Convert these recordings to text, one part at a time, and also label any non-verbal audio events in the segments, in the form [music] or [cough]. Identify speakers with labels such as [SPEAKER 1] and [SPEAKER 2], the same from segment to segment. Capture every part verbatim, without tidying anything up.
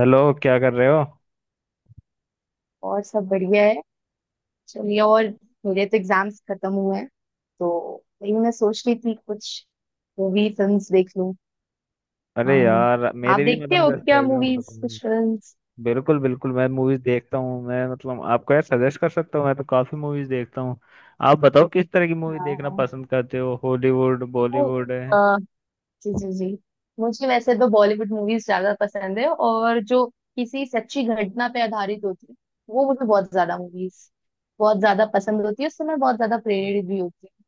[SPEAKER 1] Hello, क्या कर रहे हो?
[SPEAKER 2] और सब बढ़िया है। चलिए। और मेरे तो एग्जाम्स खत्म हुए हैं, तो वही मैं सोच रही थी कुछ मूवी फिल्म्स देख लूं।
[SPEAKER 1] अरे
[SPEAKER 2] हाँ।
[SPEAKER 1] यार,
[SPEAKER 2] आप
[SPEAKER 1] मेरे भी
[SPEAKER 2] देखते
[SPEAKER 1] मतलब
[SPEAKER 2] हो
[SPEAKER 1] जस्ट
[SPEAKER 2] क्या
[SPEAKER 1] एग्जाम खत्म
[SPEAKER 2] मूवीज,
[SPEAKER 1] हुए।
[SPEAKER 2] कुछ फिल्म्स?
[SPEAKER 1] बिल्कुल बिल्कुल, मैं मूवीज देखता हूँ। मैं मतलब आपको यार सजेस्ट कर सकता हूँ। मैं तो काफी मूवीज देखता हूँ। आप बताओ, किस तरह की मूवी देखना
[SPEAKER 2] हाँ।
[SPEAKER 1] पसंद करते हो? हॉलीवुड
[SPEAKER 2] तो,
[SPEAKER 1] बॉलीवुड है।
[SPEAKER 2] अ, जी जी जी। मुझे वैसे तो बॉलीवुड मूवीज ज्यादा पसंद है, और जो किसी सच्ची घटना पे आधारित होती है वो मुझे बहुत ज्यादा मूवीज, बहुत ज्यादा पसंद होती है। उससे मैं बहुत ज्यादा प्रेरित भी होती हूँ।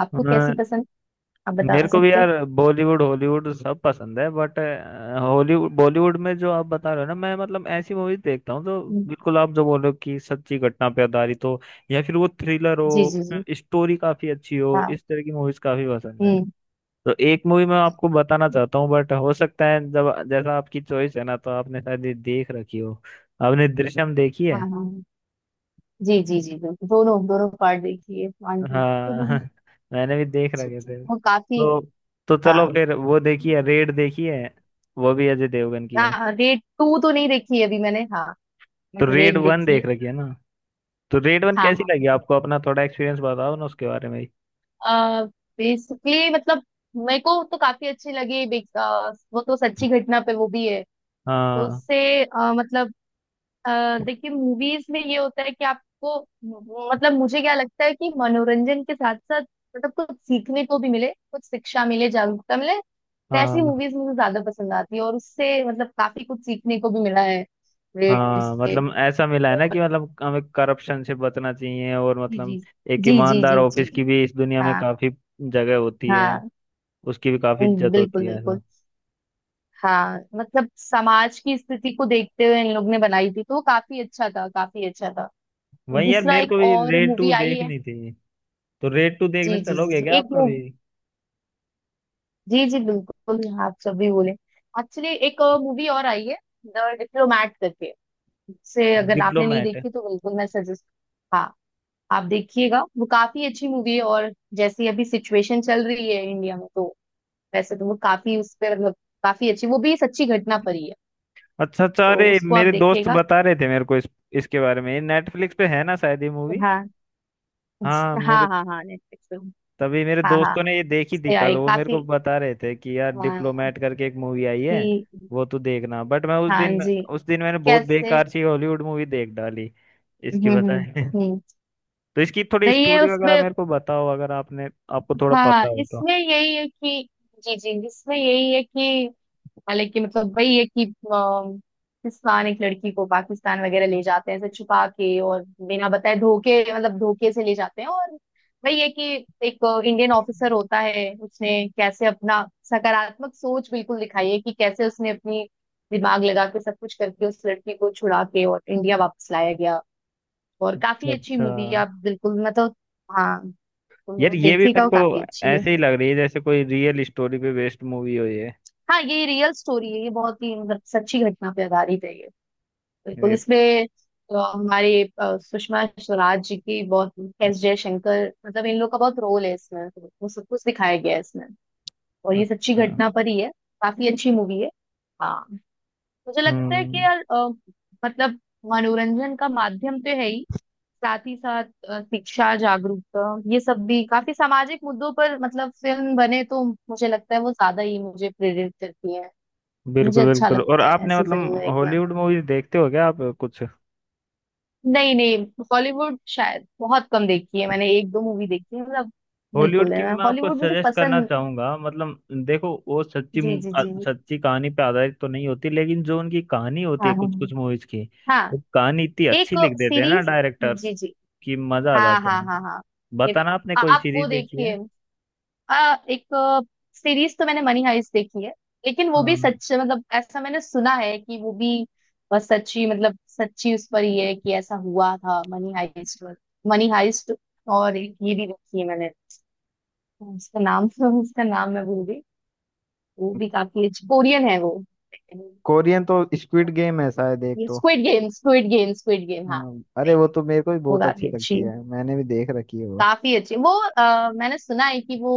[SPEAKER 2] आपको कैसी
[SPEAKER 1] हाँ,
[SPEAKER 2] पसंद, आप बता
[SPEAKER 1] मेरे को भी
[SPEAKER 2] सकते हो?
[SPEAKER 1] यार बॉलीवुड हॉलीवुड सब पसंद है, बट हॉलीवुड बॉलीवुड में जो आप बता रहे हो ना, मैं मतलब ऐसी मूवीज देखता हूँ। तो
[SPEAKER 2] हम्म,
[SPEAKER 1] बिल्कुल, आप जो बोलो कि सच्ची घटना पे आधारित हो, या फिर वो थ्रिलर
[SPEAKER 2] जी
[SPEAKER 1] हो,
[SPEAKER 2] जी जी।
[SPEAKER 1] स्टोरी काफी अच्छी हो,
[SPEAKER 2] हाँ।
[SPEAKER 1] इस तरह की मूवीज काफी पसंद है।
[SPEAKER 2] हम्म।
[SPEAKER 1] तो एक मूवी मैं आपको बताना चाहता हूँ, बट हो सकता है जब जैसा आपकी चॉइस है ना, तो आपने शायद ये देख रखी हो। आपने दृश्यम देखी
[SPEAKER 2] हाँ
[SPEAKER 1] है?
[SPEAKER 2] हाँ हाँ। जी जी जी, बिल्कुल। दोनों दोनों पार्ट देखिए, वन टू।
[SPEAKER 1] हाँ, [laughs] मैंने भी देख रखे थे
[SPEAKER 2] वो काफी।
[SPEAKER 1] तो। तो
[SPEAKER 2] हाँ
[SPEAKER 1] चलो फिर, वो देखिए, रेड देखिए। वो भी अजय देवगन की है।
[SPEAKER 2] हाँ, रेड टू तो नहीं देखी है अभी मैंने, हाँ,
[SPEAKER 1] तो
[SPEAKER 2] बट
[SPEAKER 1] रेड
[SPEAKER 2] रेड
[SPEAKER 1] वन
[SPEAKER 2] देखी
[SPEAKER 1] देख
[SPEAKER 2] है।
[SPEAKER 1] रखी है ना? तो रेड वन
[SPEAKER 2] हाँ
[SPEAKER 1] कैसी
[SPEAKER 2] हाँ।
[SPEAKER 1] लगी आपको? अपना थोड़ा एक्सपीरियंस बताओ ना उसके बारे में।
[SPEAKER 2] आ, बेसिकली मतलब मेरे को तो काफी अच्छी लगी। big- अ, वो तो सच्ची घटना पे वो भी है, तो
[SPEAKER 1] हाँ,
[SPEAKER 2] उससे अ, मतलब अ, देखिए, मूवीज में ये होता है कि आपको, मतलब मुझे क्या लगता है कि मनोरंजन के साथ साथ मतलब कुछ सीखने को भी मिले, कुछ शिक्षा मिले, जागरूकता मिले, तो ऐसी
[SPEAKER 1] हाँ,
[SPEAKER 2] मूवीज मुझे ज्यादा पसंद आती है। और उससे मतलब काफी कुछ सीखने को भी मिला है, रेड
[SPEAKER 1] हाँ।
[SPEAKER 2] से।
[SPEAKER 1] मतलब ऐसा मिला है ना
[SPEAKER 2] और
[SPEAKER 1] कि मतलब हमें करप्शन से बचना चाहिए, और
[SPEAKER 2] जी
[SPEAKER 1] मतलब
[SPEAKER 2] जी
[SPEAKER 1] एक
[SPEAKER 2] जी जी,
[SPEAKER 1] ईमानदार
[SPEAKER 2] जी
[SPEAKER 1] ऑफिस
[SPEAKER 2] जी।
[SPEAKER 1] की भी इस दुनिया में
[SPEAKER 2] हाँ
[SPEAKER 1] काफी जगह होती है,
[SPEAKER 2] हाँ।
[SPEAKER 1] उसकी भी काफी
[SPEAKER 2] हम्म,
[SPEAKER 1] इज्जत होती
[SPEAKER 2] बिल्कुल
[SPEAKER 1] है,
[SPEAKER 2] बिल्कुल।
[SPEAKER 1] ऐसा।
[SPEAKER 2] हाँ, मतलब समाज की स्थिति को देखते हुए इन लोग ने बनाई थी, तो वो काफी अच्छा था, काफी अच्छा था। और
[SPEAKER 1] वही यार,
[SPEAKER 2] दूसरा
[SPEAKER 1] मेरे
[SPEAKER 2] एक
[SPEAKER 1] को भी
[SPEAKER 2] और
[SPEAKER 1] रेड
[SPEAKER 2] मूवी
[SPEAKER 1] टू
[SPEAKER 2] आई है।
[SPEAKER 1] देखनी थी। तो रेड टू
[SPEAKER 2] जी
[SPEAKER 1] देखने
[SPEAKER 2] जी जी
[SPEAKER 1] चलोगे
[SPEAKER 2] जी,
[SPEAKER 1] क्या?
[SPEAKER 2] एक,
[SPEAKER 1] आपका भी।
[SPEAKER 2] जी जी बिल्कुल, आप सभी बोले। एक्चुअली एक मूवी और आई है, द डिप्लोमैट करके, से अगर आपने नहीं
[SPEAKER 1] डिप्लोमेट?
[SPEAKER 2] देखी तो बिल्कुल मैं सजेस्ट। हाँ, आप देखिएगा, वो काफी अच्छी मूवी है। और जैसी अभी सिचुएशन चल रही है इंडिया में, तो वैसे तो वो काफी उस पर मतलब काफी अच्छी, वो भी सच्ची घटना पर ही है,
[SPEAKER 1] अच्छा अच्छा,
[SPEAKER 2] तो
[SPEAKER 1] अरे
[SPEAKER 2] उसको आप
[SPEAKER 1] मेरे दोस्त
[SPEAKER 2] देखिएगा।
[SPEAKER 1] बता रहे थे मेरे को इस इसके बारे में। नेटफ्लिक्स पे है ना शायद ये मूवी?
[SPEAKER 2] हाँ
[SPEAKER 1] हाँ, मेरे
[SPEAKER 2] हाँ हाँ, हाँ नेटफ्लिक्स पे।
[SPEAKER 1] तभी मेरे
[SPEAKER 2] हाँ हाँ,
[SPEAKER 1] दोस्तों ने ये देखी थी।
[SPEAKER 2] उससे
[SPEAKER 1] कल
[SPEAKER 2] आई
[SPEAKER 1] वो मेरे को
[SPEAKER 2] काफी,
[SPEAKER 1] बता रहे थे कि यार
[SPEAKER 2] हाँ
[SPEAKER 1] डिप्लोमेट करके एक मूवी आई है।
[SPEAKER 2] कि।
[SPEAKER 1] वो तू देखना, बट मैं उस
[SPEAKER 2] हाँ
[SPEAKER 1] दिन
[SPEAKER 2] जी।
[SPEAKER 1] उस दिन मैंने बहुत
[SPEAKER 2] कैसे?
[SPEAKER 1] बेकार सी हॉलीवुड मूवी देख डाली। इसकी
[SPEAKER 2] हम्म हम्म।
[SPEAKER 1] बताए। [laughs]
[SPEAKER 2] हम्म।
[SPEAKER 1] तो इसकी थोड़ी
[SPEAKER 2] नहीं, ये
[SPEAKER 1] स्टोरी वगैरह
[SPEAKER 2] उसमें,
[SPEAKER 1] मेरे को बताओ, अगर आपने आपको थोड़ा
[SPEAKER 2] हाँ
[SPEAKER 1] पता हो तो।
[SPEAKER 2] इसमें यही है कि, जी जी इसमें यही है कि, हालांकि मतलब वही है कि, अम, पाकिस्तान एक लड़की को पाकिस्तान वगैरह ले जाते हैं, ऐसे छुपा के, और बिना बताए धोखे मतलब धोखे से ले जाते हैं। और वही है कि एक इंडियन ऑफिसर होता है, उसने कैसे अपना सकारात्मक सोच बिल्कुल दिखाई है, कि कैसे उसने अपनी दिमाग लगा के सब कुछ करके उस लड़की को छुड़ा के और इंडिया वापस लाया गया। और
[SPEAKER 1] अच्छा
[SPEAKER 2] काफी अच्छी
[SPEAKER 1] अच्छा।
[SPEAKER 2] मूवी है, आप बिल्कुल, मतलब। हाँ, तो
[SPEAKER 1] यार ये भी
[SPEAKER 2] देखिएगा,
[SPEAKER 1] मेरे
[SPEAKER 2] वो
[SPEAKER 1] को
[SPEAKER 2] काफी अच्छी है।
[SPEAKER 1] ऐसे ही लग रही है, जैसे कोई रियल स्टोरी पे बेस्ड मूवी हो ये।
[SPEAKER 2] हाँ, ये रियल स्टोरी है, ये बहुत ही मतलब सच्ची घटना पे आधारित है ये। बिल्कुल,
[SPEAKER 1] ये तो-
[SPEAKER 2] इसमें अ, हमारे अ, सुषमा स्वराज जी की बहुत, एस जयशंकर मतलब इन लोग का बहुत रोल है इसमें, तो वो सब कुछ दिखाया गया है इसमें। और ये सच्ची
[SPEAKER 1] अच्छा।
[SPEAKER 2] घटना पर ही है। काफी अच्छी मूवी है। हाँ, मुझे लगता है कि
[SPEAKER 1] हम्म,
[SPEAKER 2] यार अ, मतलब मनोरंजन का माध्यम तो है ही, साथ ही साथ अ, शिक्षा जागरूकता ये सब भी, काफी सामाजिक मुद्दों पर मतलब फिल्म बने, तो मुझे लगता है वो ज्यादा ही मुझे प्रेरित करती है। मुझे
[SPEAKER 1] बिल्कुल
[SPEAKER 2] अच्छा
[SPEAKER 1] बिल्कुल। और
[SPEAKER 2] लगता है
[SPEAKER 1] आपने
[SPEAKER 2] ऐसी फिल्में
[SPEAKER 1] मतलब
[SPEAKER 2] देखना।
[SPEAKER 1] हॉलीवुड मूवीज देखते हो क्या? आप कुछ
[SPEAKER 2] नहीं नहीं, हॉलीवुड शायद बहुत कम देखी है मैंने, एक दो मूवी देखी है मतलब।
[SPEAKER 1] हॉलीवुड
[SPEAKER 2] बिल्कुल है
[SPEAKER 1] की
[SPEAKER 2] ना।
[SPEAKER 1] मैं आपको
[SPEAKER 2] हॉलीवुड मुझे
[SPEAKER 1] सजेस्ट करना
[SPEAKER 2] पसंद।
[SPEAKER 1] चाहूंगा। मतलब देखो, वो सच्ची
[SPEAKER 2] जी
[SPEAKER 1] मु-
[SPEAKER 2] जी
[SPEAKER 1] अ,
[SPEAKER 2] जी जी।
[SPEAKER 1] सच्ची कहानी पे आधारित तो नहीं होती, लेकिन जो उनकी कहानी होती
[SPEAKER 2] हाँ
[SPEAKER 1] है
[SPEAKER 2] हाँ
[SPEAKER 1] कुछ
[SPEAKER 2] हाँ।
[SPEAKER 1] कुछ मूवीज की,
[SPEAKER 2] हाँ,
[SPEAKER 1] वो कहानी इतनी
[SPEAKER 2] एक
[SPEAKER 1] अच्छी लिख देते हैं ना
[SPEAKER 2] सीरीज,
[SPEAKER 1] डायरेक्टर्स,
[SPEAKER 2] जी जी।
[SPEAKER 1] कि मजा आ
[SPEAKER 2] हाँ
[SPEAKER 1] जाता
[SPEAKER 2] हाँ
[SPEAKER 1] है।
[SPEAKER 2] हाँ हाँ। ये देख,
[SPEAKER 1] बताना, आपने कोई
[SPEAKER 2] आप वो
[SPEAKER 1] सीरीज देखी है?
[SPEAKER 2] देखिए। आ, एक सीरीज तो मैंने मनी हाइस्ट देखी है, लेकिन वो भी
[SPEAKER 1] हाँ,
[SPEAKER 2] सच मतलब, ऐसा मैंने सुना है कि वो भी अ, सच्ची मतलब सच्ची, उस पर ये है कि ऐसा हुआ था मनी हाइस्ट, मनी हाइस्ट। और एक ये भी देखी है मैंने, उसका नाम [laughs] उसका नाम मैं भूल गई। वो भी काफी अच्छी, कोरियन है वो।
[SPEAKER 1] कोरियन तो स्क्विड गेम है शायद, एक
[SPEAKER 2] ये
[SPEAKER 1] तो।
[SPEAKER 2] Squid Game, Squid Game, Squid Game, हाँ।
[SPEAKER 1] हाँ, अरे
[SPEAKER 2] नहीं,
[SPEAKER 1] वो तो मेरे को भी
[SPEAKER 2] वो
[SPEAKER 1] बहुत अच्छी
[SPEAKER 2] काफी
[SPEAKER 1] लगती
[SPEAKER 2] अच्छी है।
[SPEAKER 1] है। मैंने भी देख रखी है वो।
[SPEAKER 2] काफी अच्छी वो। अ, मैंने सुना है कि वो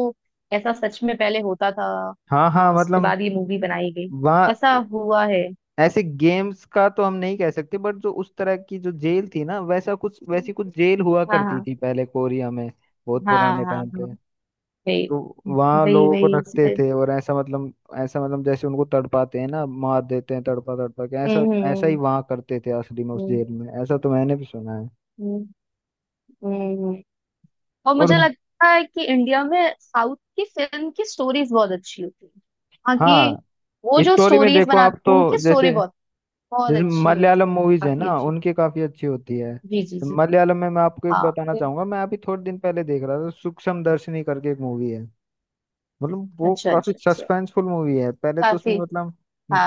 [SPEAKER 2] ऐसा सच में पहले होता था,
[SPEAKER 1] हाँ हाँ,
[SPEAKER 2] और उसके
[SPEAKER 1] मतलब
[SPEAKER 2] बाद ये मूवी बनाई गई।
[SPEAKER 1] वहाँ
[SPEAKER 2] ऐसा हुआ है।
[SPEAKER 1] ऐसे गेम्स का तो हम नहीं कह सकते, बट जो उस तरह की जो जेल थी ना, वैसा कुछ वैसी कुछ जेल हुआ
[SPEAKER 2] हाँ
[SPEAKER 1] करती
[SPEAKER 2] हाँ।
[SPEAKER 1] थी पहले कोरिया में, बहुत
[SPEAKER 2] हाँ
[SPEAKER 1] पुराने
[SPEAKER 2] हाँ
[SPEAKER 1] टाइम
[SPEAKER 2] हाँ।
[SPEAKER 1] पे।
[SPEAKER 2] वही।
[SPEAKER 1] तो वहाँ
[SPEAKER 2] वही
[SPEAKER 1] लोगों को
[SPEAKER 2] वही इस
[SPEAKER 1] रखते
[SPEAKER 2] पे-
[SPEAKER 1] थे, और ऐसा मतलब ऐसा मतलब जैसे उनको तड़पाते हैं ना, मार देते हैं तड़पा तड़पा के ऐसा।
[SPEAKER 2] हम्म
[SPEAKER 1] ऐसा ही
[SPEAKER 2] हम्म।
[SPEAKER 1] वहाँ करते थे असली में, उस
[SPEAKER 2] हम्म
[SPEAKER 1] जेल में। ऐसा तो मैंने भी सुना है।
[SPEAKER 2] हम्म, हम्म। हम्म, हम्म। और
[SPEAKER 1] और
[SPEAKER 2] मुझे लगता है कि इंडिया में साउथ की फिल्म की स्टोरीज बहुत अच्छी होती है। हाँ कि
[SPEAKER 1] हाँ,
[SPEAKER 2] वो जो
[SPEAKER 1] स्टोरी में
[SPEAKER 2] स्टोरीज
[SPEAKER 1] देखो आप,
[SPEAKER 2] बनाते
[SPEAKER 1] तो
[SPEAKER 2] उनकी
[SPEAKER 1] जैसे
[SPEAKER 2] स्टोरी बहुत, बहुत
[SPEAKER 1] जैसे
[SPEAKER 2] अच्छी होती है।
[SPEAKER 1] मलयालम मूवीज है
[SPEAKER 2] काफी
[SPEAKER 1] ना,
[SPEAKER 2] अच्छी,
[SPEAKER 1] उनकी काफी अच्छी होती है।
[SPEAKER 2] जी जी जी।
[SPEAKER 1] मलयालम में मैं आपको एक
[SPEAKER 2] हाँ,
[SPEAKER 1] बताना चाहूंगा। मैं अभी थोड़े दिन पहले देख रहा था, सूक्ष्म दर्शनी करके एक मूवी है। मतलब वो
[SPEAKER 2] अच्छा
[SPEAKER 1] काफी
[SPEAKER 2] अच्छा अच्छा,
[SPEAKER 1] सस्पेंसफुल मूवी है, पहले तो उसमें
[SPEAKER 2] काफी
[SPEAKER 1] मतलब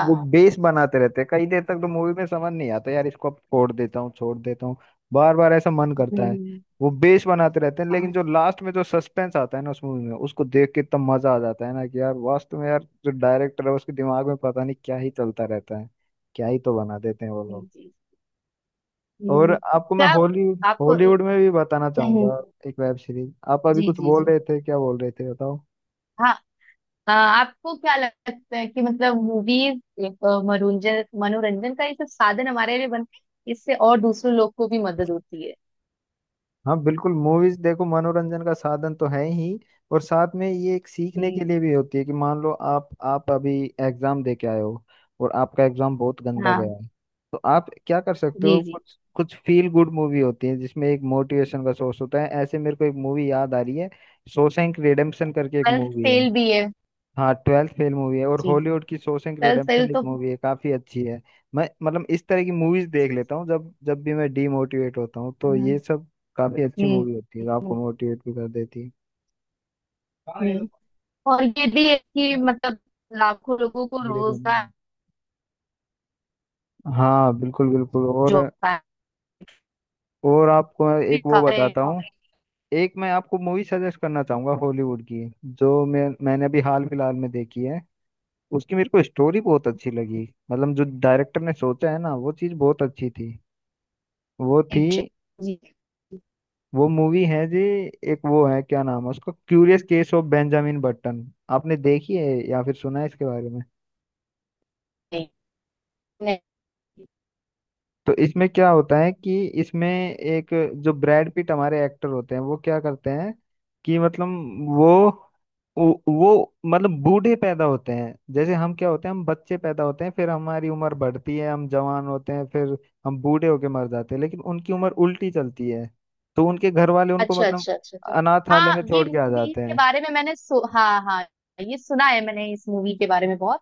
[SPEAKER 1] वो बेस बनाते रहते हैं कई देर तक, तो मूवी में समझ नहीं आता, यार इसको अब छोड़ देता हूँ, छोड़ देता हूँ, बार बार ऐसा मन करता है।
[SPEAKER 2] हम्म।
[SPEAKER 1] वो बेस बनाते रहते हैं, लेकिन जो
[SPEAKER 2] हाँ,
[SPEAKER 1] लास्ट में जो सस्पेंस आता है ना उस मूवी में, उसको देख के इतना मजा आ जाता है ना, कि यार वास्तव में यार जो डायरेक्टर है उसके दिमाग में पता नहीं क्या ही चलता रहता है। क्या ही तो बना देते हैं वो
[SPEAKER 2] जी
[SPEAKER 1] लोग।
[SPEAKER 2] जी।
[SPEAKER 1] और
[SPEAKER 2] हम्म,
[SPEAKER 1] आपको मैं
[SPEAKER 2] क्या
[SPEAKER 1] हॉलीवुड,
[SPEAKER 2] आपको?
[SPEAKER 1] हॉलीवुड में भी बताना
[SPEAKER 2] हम्म,
[SPEAKER 1] चाहूंगा, एक वेब सीरीज। आप अभी
[SPEAKER 2] जी
[SPEAKER 1] कुछ
[SPEAKER 2] जी
[SPEAKER 1] बोल
[SPEAKER 2] जी।
[SPEAKER 1] रहे थे, क्या बोल रहे थे बताओ?
[SPEAKER 2] हाँ, आ, आपको क्या लगता है कि मतलब मूवीज एक अ, मनोरंजन, मनोरंजन का एक साधन हमारे लिए बनते हैं, इससे और दूसरे लोग को भी मदद होती है?
[SPEAKER 1] हाँ बिल्कुल, मूवीज देखो, मनोरंजन का साधन तो है ही, और साथ में ये एक सीखने के
[SPEAKER 2] जी।
[SPEAKER 1] लिए भी होती है। कि मान लो आप आप अभी एग्जाम दे के आए हो, और आपका एग्जाम बहुत गंदा गया
[SPEAKER 2] हाँ,
[SPEAKER 1] है, तो आप क्या कर सकते हो?
[SPEAKER 2] जी जी।
[SPEAKER 1] कुछ कुछ फील गुड मूवी होती है, जिसमें एक मोटिवेशन का सोर्स होता है, ऐसे मेरे को एक मूवी याद आ रही है। शॉशैंक रिडेम्पशन करके एक
[SPEAKER 2] सेल्फ
[SPEAKER 1] मूवी है।
[SPEAKER 2] सेल भी है।
[SPEAKER 1] हाँ, ट्वेल्थ फेल मूवी है, और
[SPEAKER 2] जी जी।
[SPEAKER 1] हॉलीवुड की शॉशैंक
[SPEAKER 2] सेल्फ सेल
[SPEAKER 1] रिडेम्पशन एक
[SPEAKER 2] तो,
[SPEAKER 1] मूवी है, काफी अच्छी है। मैं मतलब इस तरह की मूवीज देख लेता हूँ, जब जब भी मैं डीमोटिवेट होता हूँ, तो ये
[SPEAKER 2] हाँ।
[SPEAKER 1] सब काफी अच्छी
[SPEAKER 2] हम्म
[SPEAKER 1] मूवी होती है, आपको
[SPEAKER 2] हम्म।
[SPEAKER 1] मोटिवेट भी कर देती है। मेरे
[SPEAKER 2] हम्म, और ये भी है कि मतलब लाखों लोगों को
[SPEAKER 1] को
[SPEAKER 2] रोजगार
[SPEAKER 1] नहीं। हाँ बिल्कुल बिल्कुल, और
[SPEAKER 2] जो है,
[SPEAKER 1] और आपको मैं
[SPEAKER 2] भी
[SPEAKER 1] एक वो
[SPEAKER 2] कर रहे हैं
[SPEAKER 1] बताता हूँ।
[SPEAKER 2] और,
[SPEAKER 1] एक मैं आपको मूवी सजेस्ट करना चाहूंगा हॉलीवुड की, जो मैं मैंने अभी हाल फिलहाल में देखी है। उसकी मेरे को स्टोरी बहुत अच्छी लगी, मतलब जो डायरेक्टर ने सोचा है ना, वो चीज़ बहुत अच्छी थी। वो थी,
[SPEAKER 2] जी। नहीं
[SPEAKER 1] वो मूवी है जी, एक वो है, क्या नाम है उसका, Curious Case of Benjamin Button. आपने देखी है या फिर सुना है इसके बारे में?
[SPEAKER 2] नहीं।
[SPEAKER 1] तो इसमें क्या होता है कि इसमें एक, जो ब्रैड पिट हमारे एक्टर होते हैं, वो क्या करते हैं, कि मतलब वो वो वो मतलब बूढ़े पैदा होते हैं, जैसे हम क्या होते हैं, हम बच्चे पैदा होते हैं, फिर हमारी उम्र बढ़ती है, हम जवान होते हैं, फिर हम बूढ़े होके मर जाते हैं, लेकिन उनकी उम्र उल्टी चलती है। तो उनके घर वाले उनको
[SPEAKER 2] अच्छा
[SPEAKER 1] मतलब
[SPEAKER 2] अच्छा अच्छा अच्छा।
[SPEAKER 1] अनाथालय में
[SPEAKER 2] हाँ, ये
[SPEAKER 1] छोड़ के आ
[SPEAKER 2] मूवी
[SPEAKER 1] जाते
[SPEAKER 2] के
[SPEAKER 1] हैं।
[SPEAKER 2] बारे में मैंने सु, हाँ हाँ, ये सुना है मैंने इस मूवी के बारे में बहुत,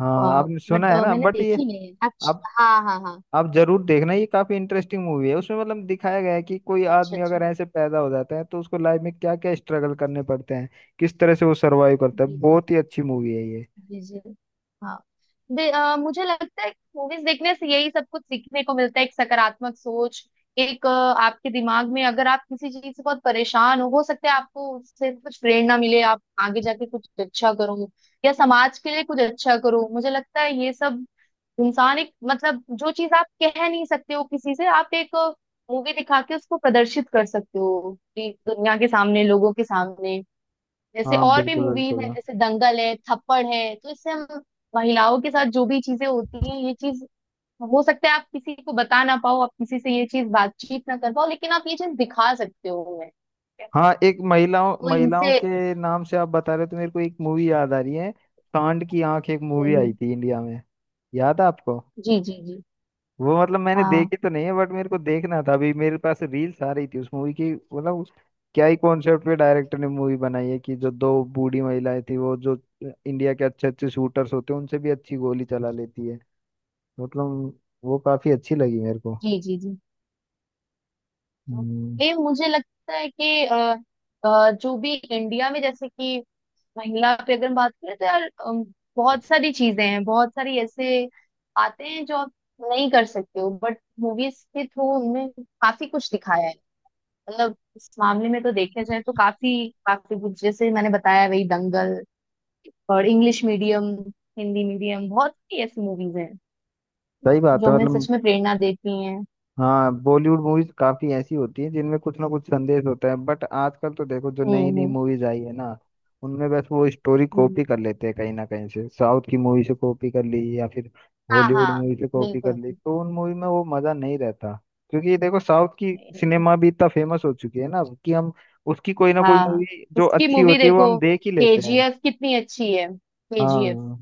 [SPEAKER 1] हाँ, आपने सुना
[SPEAKER 2] बट
[SPEAKER 1] है ना,
[SPEAKER 2] मैंने
[SPEAKER 1] बट ये
[SPEAKER 2] देखी नहीं है।
[SPEAKER 1] आप
[SPEAKER 2] अच्छा हाँ हाँ हाँ।
[SPEAKER 1] आप जरूर देखना। ये काफी इंटरेस्टिंग मूवी है, उसमें मतलब दिखाया गया है कि कोई
[SPEAKER 2] अच्छा
[SPEAKER 1] आदमी
[SPEAKER 2] अच्छा।
[SPEAKER 1] अगर ऐसे पैदा हो जाता है, तो उसको लाइफ में क्या क्या स्ट्रगल करने पड़ते हैं, किस तरह से वो सरवाइव करता है।
[SPEAKER 2] जी जी
[SPEAKER 1] बहुत
[SPEAKER 2] जी,
[SPEAKER 1] ही अच्छी मूवी है ये।
[SPEAKER 2] जी जी। हाँ, दे, अ, मुझे लगता है मूवीज देखने से यही सब कुछ सीखने को मिलता है, एक सकारात्मक सोच, एक अ, आपके दिमाग में, अगर आप किसी चीज से बहुत परेशान हो हो सकता है आपको उससे कुछ प्रेरणा मिले, आप आगे जाके कुछ अच्छा करो या समाज के लिए कुछ अच्छा करो। मुझे लगता है ये सब, इंसान एक मतलब, जो चीज आप कह नहीं सकते हो किसी से, आप एक मूवी दिखा के उसको प्रदर्शित कर सकते हो, कि दुनिया के सामने, लोगों के सामने। जैसे
[SPEAKER 1] हाँ
[SPEAKER 2] और भी
[SPEAKER 1] बिल्कुल
[SPEAKER 2] मूवीज
[SPEAKER 1] बिल्कुल।
[SPEAKER 2] है, जैसे दंगल है, थप्पड़ है, तो इससे हम महिलाओं के साथ जो भी चीजें होती हैं ये चीज, हो सकता है आप किसी को बता ना पाओ, आप किसी से ये चीज बातचीत ना कर पाओ, लेकिन आप ये चीज दिखा सकते हो उन्हें।
[SPEAKER 1] हाँ, एक महिलाओं,
[SPEAKER 2] तो इनसे,
[SPEAKER 1] महिलाओं के नाम से आप बता रहे हो, तो मेरे को एक मूवी याद आ रही है। सांड की आंख एक मूवी आई
[SPEAKER 2] हम्म,
[SPEAKER 1] थी इंडिया में, याद है आपको?
[SPEAKER 2] जी जी जी।
[SPEAKER 1] वो मतलब मैंने
[SPEAKER 2] हाँ,
[SPEAKER 1] देखी तो नहीं है, बट मेरे को देखना था। अभी मेरे पास रील्स आ रही थी उस मूवी की, मतलब उस- क्या ही कॉन्सेप्ट पे डायरेक्टर ने मूवी बनाई है, कि जो दो बूढ़ी महिलाएं थी, वो जो इंडिया के अच्छे अच्छे शूटर्स होते हैं, उनसे भी अच्छी गोली चला लेती है। मतलब वो काफी अच्छी लगी मेरे को।
[SPEAKER 2] जी जी जी। तो
[SPEAKER 1] हम्म,
[SPEAKER 2] ये मुझे लगता है कि अ, अ, जो भी इंडिया में जैसे कि महिला पे अगर हम बात करें तो यार अम, बहुत सारी चीजें हैं, बहुत सारी ऐसे आते हैं जो आप नहीं कर सकते हो, बट मूवीज के थ्रू उनमें काफी कुछ दिखाया है। मतलब इस मामले में तो देखा जाए तो काफी काफी कुछ, जैसे मैंने बताया वही दंगल, और इंग्लिश मीडियम, हिंदी मीडियम, बहुत सी ऐसी मूवीज हैं
[SPEAKER 1] सही बात
[SPEAKER 2] जो
[SPEAKER 1] है
[SPEAKER 2] हमें
[SPEAKER 1] मतलब।
[SPEAKER 2] सच में प्रेरणा देती हैं।
[SPEAKER 1] हाँ, बॉलीवुड मूवीज काफी ऐसी होती हैं जिनमें कुछ ना कुछ संदेश होता है, बट आजकल तो देखो जो
[SPEAKER 2] हम्म
[SPEAKER 1] नई नई
[SPEAKER 2] हम्म।
[SPEAKER 1] मूवीज आई है ना, उनमें बस वो स्टोरी
[SPEAKER 2] हम्म।
[SPEAKER 1] कॉपी कर लेते हैं, कहीं ना कहीं से साउथ की मूवी से कॉपी कर ली, या फिर
[SPEAKER 2] हाँ
[SPEAKER 1] हॉलीवुड
[SPEAKER 2] हाँ,
[SPEAKER 1] मूवी से कॉपी कर
[SPEAKER 2] बिल्कुल
[SPEAKER 1] ली, तो उन
[SPEAKER 2] बिल्कुल।
[SPEAKER 1] मूवी में वो मजा नहीं रहता। क्योंकि ये देखो, साउथ की
[SPEAKER 2] नहीं, नहीं, नहीं।
[SPEAKER 1] सिनेमा भी इतना फेमस हो चुकी है ना, कि हम उसकी कोई ना कोई
[SPEAKER 2] हाँ,
[SPEAKER 1] मूवी जो
[SPEAKER 2] उसकी
[SPEAKER 1] अच्छी
[SPEAKER 2] मूवी
[SPEAKER 1] होती है, वो हम
[SPEAKER 2] देखो,
[SPEAKER 1] देख ही लेते हैं।
[SPEAKER 2] केजीएफ कितनी अच्छी है। केजीएफ,
[SPEAKER 1] हाँ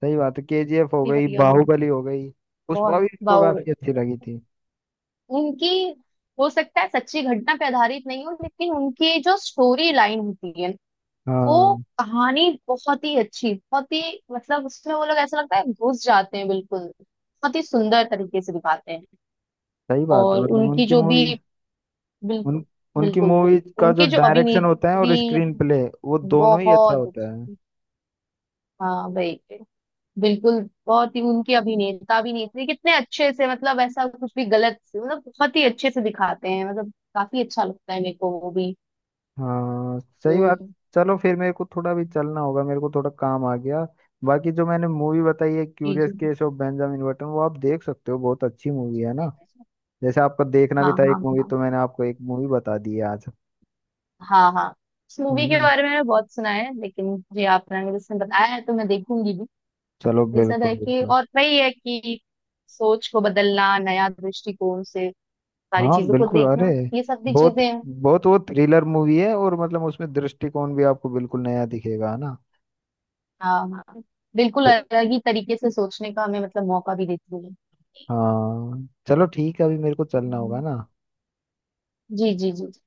[SPEAKER 1] सही बात है, केजीएफ हो
[SPEAKER 2] इतनी
[SPEAKER 1] गई,
[SPEAKER 2] बढ़िया मूवी।
[SPEAKER 1] बाहुबली हो गई, पुष्पा भी
[SPEAKER 2] बहुत,
[SPEAKER 1] इसको
[SPEAKER 2] बाहुबली,
[SPEAKER 1] काफी अच्छी लगी थी।
[SPEAKER 2] उनकी, हो सकता है सच्ची घटना पे आधारित नहीं हो, लेकिन उनकी जो स्टोरी लाइन होती है वो
[SPEAKER 1] हाँ
[SPEAKER 2] कहानी बहुत ही अच्छी, बहुत ही मतलब, उसमें वो लोग ऐसा लगता है घुस जाते हैं बिल्कुल, बहुत ही सुंदर तरीके से दिखाते हैं।
[SPEAKER 1] सही बात है,
[SPEAKER 2] और
[SPEAKER 1] मतलब
[SPEAKER 2] उनकी
[SPEAKER 1] उनकी
[SPEAKER 2] जो भी,
[SPEAKER 1] मूवी, उन
[SPEAKER 2] बिल्कुल
[SPEAKER 1] उनकी
[SPEAKER 2] बिल्कुल।
[SPEAKER 1] मूवी
[SPEAKER 2] बिल्कुल
[SPEAKER 1] का जो
[SPEAKER 2] उनके जो
[SPEAKER 1] डायरेक्शन होता है और
[SPEAKER 2] अभिनेत्री
[SPEAKER 1] स्क्रीन प्ले, वो दोनों ही अच्छा
[SPEAKER 2] बहुत
[SPEAKER 1] होता है।
[SPEAKER 2] अच्छी। हाँ भाई, बिल्कुल। बहुत ही उनके अभिनेता अभिनेत्री कितने अच्छे से, मतलब ऐसा कुछ भी गलत से मतलब बहुत ही अच्छे से दिखाते हैं, मतलब काफी अच्छा लगता है मेरे को वो भी।
[SPEAKER 1] हाँ सही बात।
[SPEAKER 2] हम्म,
[SPEAKER 1] चलो फिर, मेरे को थोड़ा भी चलना होगा, मेरे को थोड़ा काम आ गया। बाकी जो मैंने मूवी बताई है
[SPEAKER 2] जी
[SPEAKER 1] क्यूरियस
[SPEAKER 2] जी।
[SPEAKER 1] केस ऑफ बेंजामिन बटन, वो आप देख सकते हो, बहुत अच्छी मूवी है ना। जैसे आपका देखना
[SPEAKER 2] हाँ
[SPEAKER 1] भी था
[SPEAKER 2] हाँ
[SPEAKER 1] एक मूवी,
[SPEAKER 2] हाँ।
[SPEAKER 1] तो मैंने आपको एक मूवी बता दी है आज,
[SPEAKER 2] हाँ हाँ। इस
[SPEAKER 1] है
[SPEAKER 2] मूवी के
[SPEAKER 1] ना।
[SPEAKER 2] बारे में मैंने बहुत सुना है, लेकिन जी आपने मुझे इसमें बताया है तो मैं देखूंगी भी।
[SPEAKER 1] चलो,
[SPEAKER 2] ये सब है
[SPEAKER 1] बिल्कुल
[SPEAKER 2] कि,
[SPEAKER 1] बिल्कुल।
[SPEAKER 2] और वही है कि सोच को बदलना, नया दृष्टिकोण से सारी
[SPEAKER 1] हाँ
[SPEAKER 2] चीजों को
[SPEAKER 1] बिल्कुल, अरे
[SPEAKER 2] देखना, ये सब भी
[SPEAKER 1] बहुत
[SPEAKER 2] चीजें हैं।
[SPEAKER 1] बहुत वो थ्रिलर मूवी है, और मतलब उसमें दृष्टिकोण भी आपको बिल्कुल नया दिखेगा, है ना।
[SPEAKER 2] हाँ हाँ, बिल्कुल अलग ही तरीके से सोचने का हमें मतलब मौका भी देती है।
[SPEAKER 1] हाँ चलो ठीक है, अभी मेरे को चलना
[SPEAKER 2] हम्म।
[SPEAKER 1] होगा ना।
[SPEAKER 2] जी जी जी, ठीक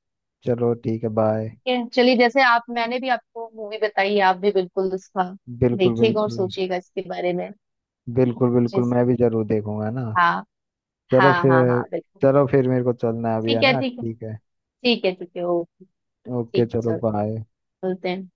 [SPEAKER 1] चलो ठीक है, बाय।
[SPEAKER 2] है, चलिए। जैसे आप, मैंने भी आपको मूवी बताई, आप भी बिल्कुल उसका
[SPEAKER 1] बिल्कुल
[SPEAKER 2] देखिएगा और
[SPEAKER 1] बिल्कुल,
[SPEAKER 2] सोचिएगा इसके बारे में।
[SPEAKER 1] बिल्कुल बिल्कुल,
[SPEAKER 2] जिस,
[SPEAKER 1] मैं भी जरूर देखूंगा ना।
[SPEAKER 2] हाँ
[SPEAKER 1] चलो
[SPEAKER 2] हाँ हाँ
[SPEAKER 1] फिर,
[SPEAKER 2] हाँ, बिल्कुल।
[SPEAKER 1] चलो फिर, मेरे को चलना है अभी, है
[SPEAKER 2] ठीक है
[SPEAKER 1] ना,
[SPEAKER 2] ठीक है।
[SPEAKER 1] ठीक है।
[SPEAKER 2] ठीक है ठीक है, ओके।
[SPEAKER 1] ओके
[SPEAKER 2] ठीक है,
[SPEAKER 1] चलो,
[SPEAKER 2] चलते हैं,
[SPEAKER 1] बाय।
[SPEAKER 2] चलते हैं।